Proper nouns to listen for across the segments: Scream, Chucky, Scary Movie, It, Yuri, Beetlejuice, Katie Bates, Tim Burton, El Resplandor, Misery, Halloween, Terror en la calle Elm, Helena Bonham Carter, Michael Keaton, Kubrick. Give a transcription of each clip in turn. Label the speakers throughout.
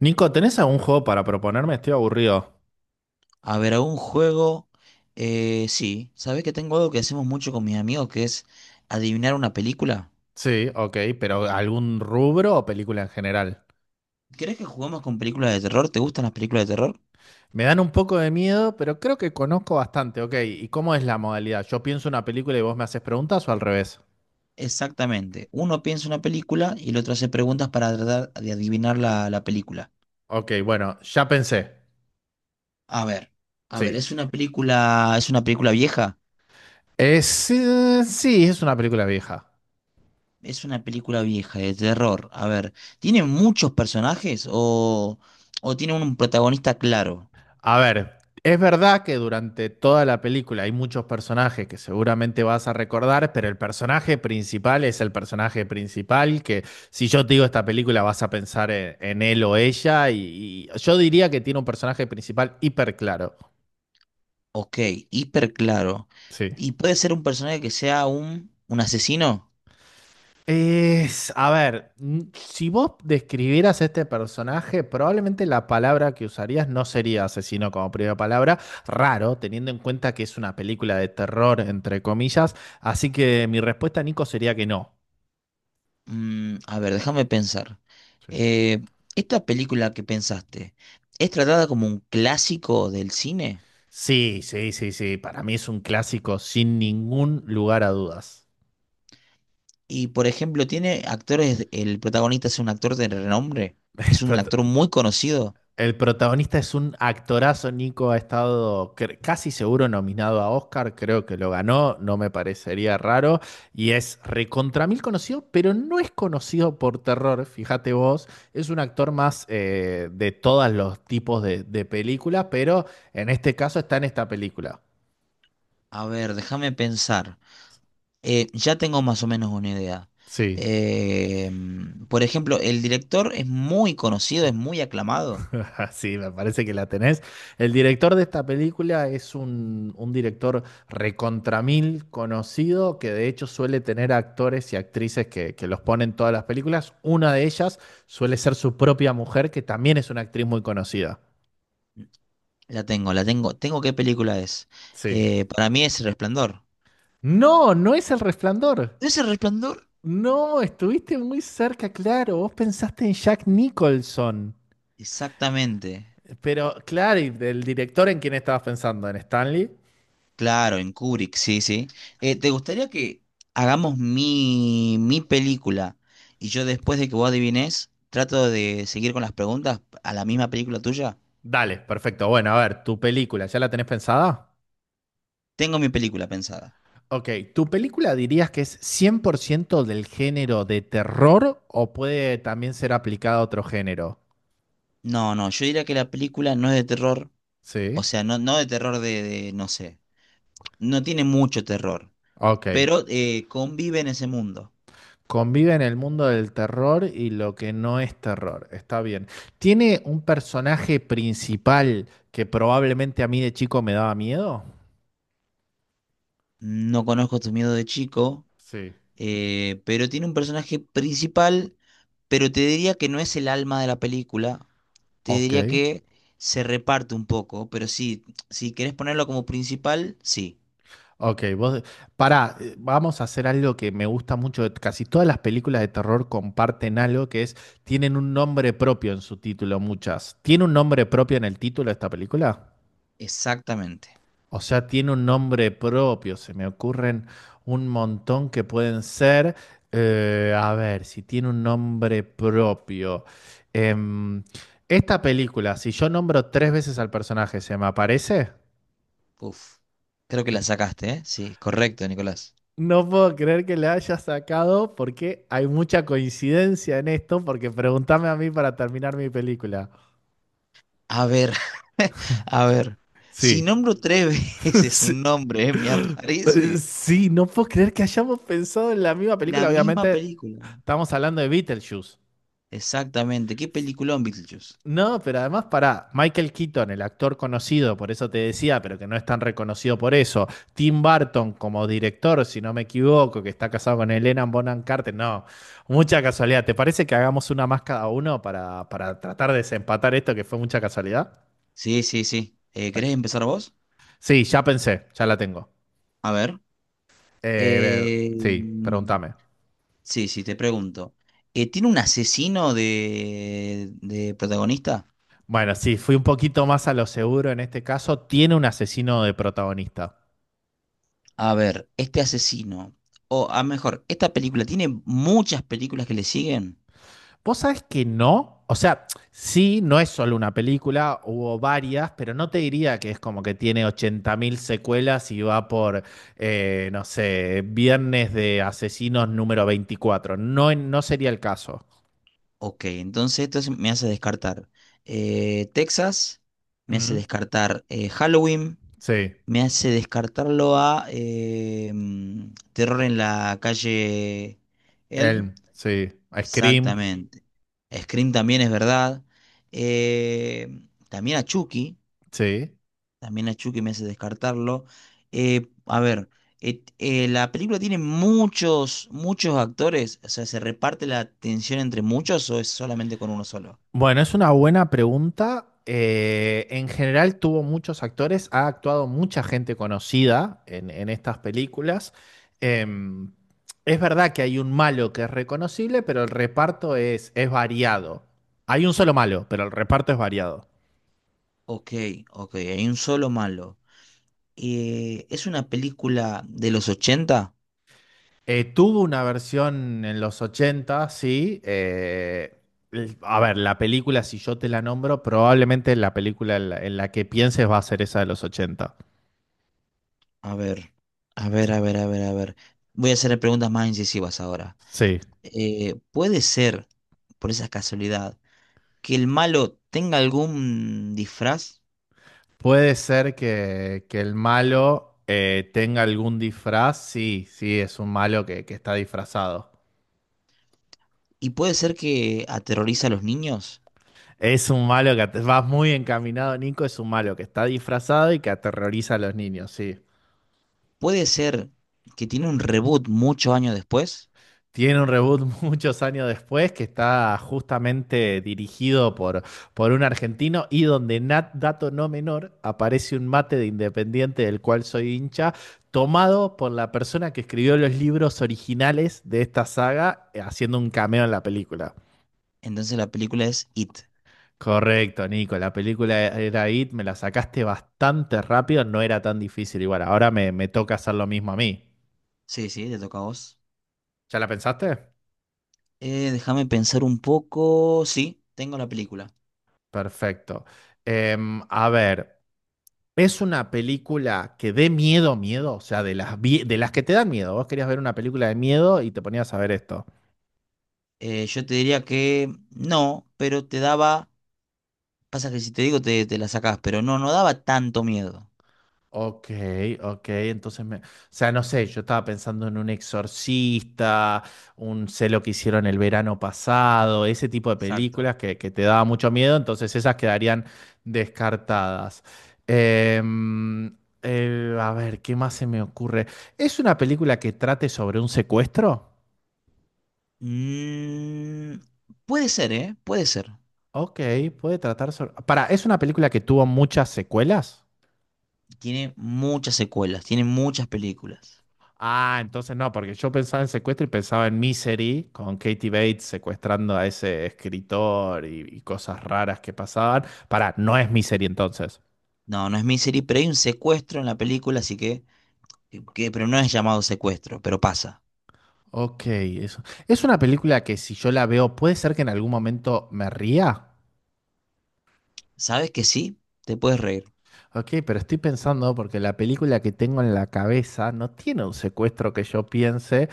Speaker 1: Nico, ¿tenés algún juego para proponerme? Estoy aburrido.
Speaker 2: A ver, algún juego. Sí, ¿sabés que tengo algo que hacemos mucho con mis amigos que es adivinar una película?
Speaker 1: Sí, ok, pero ¿algún rubro o película en general?
Speaker 2: ¿Querés que juguemos con películas de terror? ¿Te gustan las películas de terror?
Speaker 1: Me dan un poco de miedo, pero creo que conozco bastante, ok. ¿Y cómo es la modalidad? ¿Yo pienso una película y vos me haces preguntas o al revés?
Speaker 2: Exactamente. Uno piensa una película y el otro hace preguntas para tratar de adivinar la película.
Speaker 1: Ok, bueno, ya pensé.
Speaker 2: A ver, a ver,
Speaker 1: Sí.
Speaker 2: ¿es es una película vieja?
Speaker 1: Es, sí, es una película vieja.
Speaker 2: Es una película vieja de terror. A ver, ¿tiene muchos personajes o tiene un protagonista claro?
Speaker 1: A ver, es verdad que durante toda la película hay muchos personajes que seguramente vas a recordar, pero el personaje principal es el personaje principal, que si yo te digo esta película vas a pensar en él o ella, y yo diría que tiene un personaje principal hiper claro.
Speaker 2: Ok, hiper claro.
Speaker 1: Sí.
Speaker 2: ¿Y puede ser un personaje que sea un asesino?
Speaker 1: Es, a ver, si vos describieras este personaje, probablemente la palabra que usarías no sería asesino como primera palabra. Raro, teniendo en cuenta que es una película de terror, entre comillas. Así que mi respuesta, Nico, sería que no.
Speaker 2: Mm, a ver, déjame pensar.
Speaker 1: Sí.
Speaker 2: Eh, ¿Esta película que pensaste es tratada como un clásico del cine?
Speaker 1: Sí, sí, sí, sí. Para mí es un clásico sin ningún lugar a dudas.
Speaker 2: Y, por ejemplo, ¿tiene actores, el protagonista es un actor de renombre? ¿Es un
Speaker 1: Prota-
Speaker 2: actor muy conocido?
Speaker 1: El protagonista es un actorazo, Nico ha estado casi seguro nominado a Oscar, creo que lo ganó, no me parecería raro, y es recontra mil conocido, pero no es conocido por terror, fíjate vos, es un actor más de todos los tipos de películas, pero en este caso está en esta película.
Speaker 2: A ver, déjame pensar. Ya tengo más o menos una idea.
Speaker 1: Sí.
Speaker 2: Por ejemplo, ¿el director es muy conocido, es muy aclamado?
Speaker 1: Sí, me parece que la tenés. El director de esta película es un director recontramil conocido que de hecho suele tener actores y actrices que los ponen en todas las películas. Una de ellas suele ser su propia mujer, que también es una actriz muy conocida.
Speaker 2: La tengo, la tengo. Tengo qué película es.
Speaker 1: Sí.
Speaker 2: Para mí es El Resplandor.
Speaker 1: No, no es El Resplandor.
Speaker 2: ¿Es El Resplandor?
Speaker 1: No, estuviste muy cerca, claro. Vos pensaste en Jack Nicholson.
Speaker 2: Exactamente.
Speaker 1: Pero, claro, ¿y del director en quién estabas pensando? ¿En Stanley?
Speaker 2: Claro, en Kubrick, sí, sí. ¿Te gustaría que hagamos mi película y yo después de que vos adivines, trato de seguir con las preguntas a la misma película tuya?
Speaker 1: Dale, perfecto. Bueno, a ver, tu película, ¿ya la tenés pensada?
Speaker 2: Tengo mi película pensada.
Speaker 1: Ok, ¿tu película dirías que es 100% del género de terror o puede también ser aplicada a otro género?
Speaker 2: No, no, yo diría que la película no es de terror, o
Speaker 1: Sí.
Speaker 2: sea, no, no de terror no sé, no tiene mucho terror,
Speaker 1: Ok.
Speaker 2: pero convive en ese mundo.
Speaker 1: Convive en el mundo del terror y lo que no es terror. Está bien. ¿Tiene un personaje principal que probablemente a mí de chico me daba miedo?
Speaker 2: No conozco tus miedos de chico,
Speaker 1: Sí.
Speaker 2: pero tiene un personaje principal, pero te diría que no es el alma de la película. Te
Speaker 1: Ok.
Speaker 2: diría que se reparte un poco, pero sí, si querés ponerlo como principal, sí,
Speaker 1: Ok, vos, pará, vamos a hacer algo que me gusta mucho. Casi todas las películas de terror comparten algo que es, tienen un nombre propio en su título, muchas. ¿Tiene un nombre propio en el título de esta película?
Speaker 2: exactamente.
Speaker 1: O sea, tiene un nombre propio. Se me ocurren un montón que pueden ser. A ver, si tiene un nombre propio. Em, Esta película, si yo nombro tres veces al personaje, ¿se me aparece?
Speaker 2: Uf, creo que la sacaste, ¿eh? Sí, correcto, Nicolás.
Speaker 1: No puedo creer que le haya sacado porque hay mucha coincidencia en esto, porque pregúntame a mí para terminar mi película.
Speaker 2: A ver, a ver. Si
Speaker 1: Sí.
Speaker 2: nombro tres veces
Speaker 1: Sí,
Speaker 2: un nombre, ¿eh? Me aparece
Speaker 1: sí, no puedo creer que hayamos pensado en la misma
Speaker 2: la
Speaker 1: película.
Speaker 2: misma
Speaker 1: Obviamente
Speaker 2: película.
Speaker 1: estamos hablando de Beetlejuice.
Speaker 2: Exactamente. ¿Qué peliculón, Beetlejuice?
Speaker 1: No, pero además para Michael Keaton, el actor conocido, por eso te decía, pero que no es tan reconocido por eso. Tim Burton como director, si no me equivoco, que está casado con Helena Bonham Carter. No, mucha casualidad. ¿Te parece que hagamos una más cada uno para tratar de desempatar esto que fue mucha casualidad?
Speaker 2: Sí, sí, sí.
Speaker 1: Bueno,
Speaker 2: ¿Querés empezar vos?
Speaker 1: sí, ya pensé, ya la tengo.
Speaker 2: A ver.
Speaker 1: Eh,
Speaker 2: Eh,
Speaker 1: sí,
Speaker 2: mm,
Speaker 1: pregúntame.
Speaker 2: sí, sí, te pregunto. ¿Tiene un asesino de protagonista?
Speaker 1: Bueno, sí, fui un poquito más a lo seguro en este caso. Tiene un asesino de protagonista.
Speaker 2: A ver, este asesino, o a mejor, esta película tiene muchas películas que le siguen.
Speaker 1: Vos sabés que no. O sea, sí, no es solo una película, hubo varias, pero no te diría que es como que tiene 80.000 secuelas y va por, no sé, Viernes de Asesinos número 24. No, no sería el caso.
Speaker 2: Ok, entonces me hace descartar Texas, me hace
Speaker 1: Ujú.
Speaker 2: descartar Halloween,
Speaker 1: Sí.
Speaker 2: me hace descartarlo a Terror en la calle Elm.
Speaker 1: Elm, sí. Scream,
Speaker 2: Exactamente. Scream también es verdad. Eh, también a Chucky.
Speaker 1: sí.
Speaker 2: También a Chucky me hace descartarlo. A ver, la película tiene muchos, muchos actores. O sea, ¿se reparte la atención entre muchos o es solamente con uno solo?
Speaker 1: Bueno, es una buena pregunta. En general tuvo muchos actores, ha actuado mucha gente conocida en estas películas. Em, es verdad que hay un malo que es reconocible, pero el reparto es variado. Hay un solo malo, pero el reparto es variado.
Speaker 2: Ok, ok, hay un solo malo. ¿Es una película de los ochenta?
Speaker 1: Tuvo una versión en los 80, sí. A ver, la película, si yo te la nombro, probablemente la película en la que pienses va a ser esa de los 80.
Speaker 2: A ver, a ver, a ver, a ver, a ver. Voy a hacer preguntas más incisivas ahora.
Speaker 1: Sí.
Speaker 2: ¿Puede ser, por esa casualidad, que el malo tenga algún disfraz
Speaker 1: Puede ser que el malo tenga algún disfraz. Sí, sí, es un malo que está disfrazado.
Speaker 2: y puede ser que aterroriza a los niños,
Speaker 1: Es un malo que vas muy encaminado, Nico. Es un malo que está disfrazado y que aterroriza a los niños, sí.
Speaker 2: puede ser que tiene un reboot muchos años después,
Speaker 1: Tiene un reboot muchos años después que está justamente dirigido por un argentino y donde, dato no menor, aparece un mate de Independiente del cual soy hincha, tomado por la persona que escribió los libros originales de esta saga, haciendo un cameo en la película.
Speaker 2: entonces la película es It?
Speaker 1: Correcto, Nico, la película era It, me la sacaste bastante rápido, no era tan difícil. Igual, ahora me toca hacer lo mismo a mí.
Speaker 2: Sí, sí, te toca a vos.
Speaker 1: ¿Ya la pensaste?
Speaker 2: Déjame pensar un poco. Sí, tengo la película.
Speaker 1: Perfecto. A ver. Es una película que dé miedo, miedo, o sea, de las, de las que te dan miedo. Vos querías ver una película de miedo y te ponías a ver esto.
Speaker 2: Yo te diría que no, pero te daba, pasa que si te digo te la sacás, pero no, no daba tanto miedo.
Speaker 1: Ok, ok, entonces me... O sea, no sé, yo estaba pensando en un exorcista, un sé lo que hicieron el verano pasado, ese tipo de
Speaker 2: Exacto.
Speaker 1: películas que te daba mucho miedo, entonces esas quedarían descartadas. Em, a ver, ¿qué más se me ocurre? ¿Es una película que trate sobre un secuestro?
Speaker 2: Mm, puede ser, ¿eh? Puede ser.
Speaker 1: Ok, puede tratar sobre... Para, ¿es una película que tuvo muchas secuelas?
Speaker 2: Tiene muchas secuelas, tiene muchas películas.
Speaker 1: Ah, entonces no, porque yo pensaba en secuestro y pensaba en Misery, con Katie Bates secuestrando a ese escritor y cosas raras que pasaban. Para, no es Misery entonces.
Speaker 2: No, no es Misery, pero hay un secuestro en la película, así que, pero no es llamado secuestro, pero pasa.
Speaker 1: Ok, eso. Es una película que si yo la veo, puede ser que en algún momento me ría.
Speaker 2: ¿Sabes que sí? Te puedes reír.
Speaker 1: Ok, pero estoy pensando porque la película que tengo en la cabeza no tiene un secuestro que yo piense.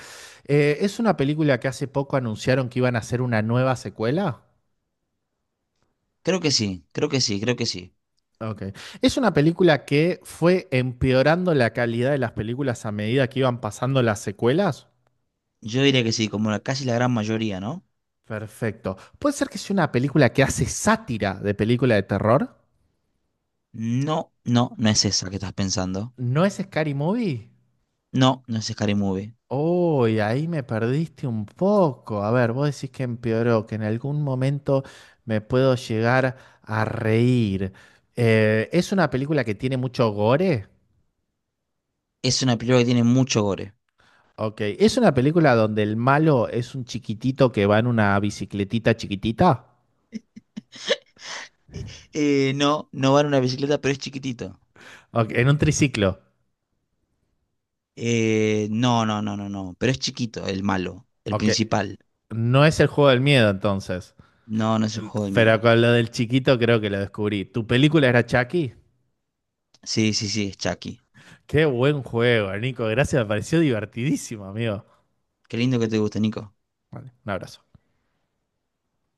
Speaker 1: ¿Es una película que hace poco anunciaron que iban a hacer una nueva secuela?
Speaker 2: Creo que sí, creo que sí, creo que sí.
Speaker 1: Ok. Es una película que fue empeorando la calidad de las películas a medida que iban pasando las secuelas.
Speaker 2: Yo diría que sí, como la, casi la gran mayoría, ¿no?
Speaker 1: Perfecto. ¿Puede ser que sea una película que hace sátira de película de terror?
Speaker 2: No, no, no es esa que estás pensando.
Speaker 1: ¿No es Scary Movie?
Speaker 2: No, no es Scary Movie.
Speaker 1: Uy, ahí me perdiste un poco. A ver, vos decís que empeoró, que en algún momento me puedo llegar a reír. ¿Es una película que tiene mucho gore?
Speaker 2: Es una película que tiene mucho gore.
Speaker 1: Ok, ¿es una película donde el malo es un chiquitito que va en una bicicletita chiquitita?
Speaker 2: Eh, no, no va en una bicicleta, pero es chiquitito.
Speaker 1: Ok, en un triciclo.
Speaker 2: No, no, no, no, no. Pero es chiquito, el malo, el
Speaker 1: Ok,
Speaker 2: principal.
Speaker 1: no es el juego del miedo entonces.
Speaker 2: No, no es un juego de
Speaker 1: Pero
Speaker 2: miedo.
Speaker 1: con lo del chiquito creo que lo descubrí. ¿Tu película era Chucky?
Speaker 2: Sí, sí, sí, es Chucky.
Speaker 1: Qué buen juego, Nico. Gracias, me pareció divertidísimo, amigo.
Speaker 2: Qué lindo que te guste, Nico.
Speaker 1: Vale, un abrazo.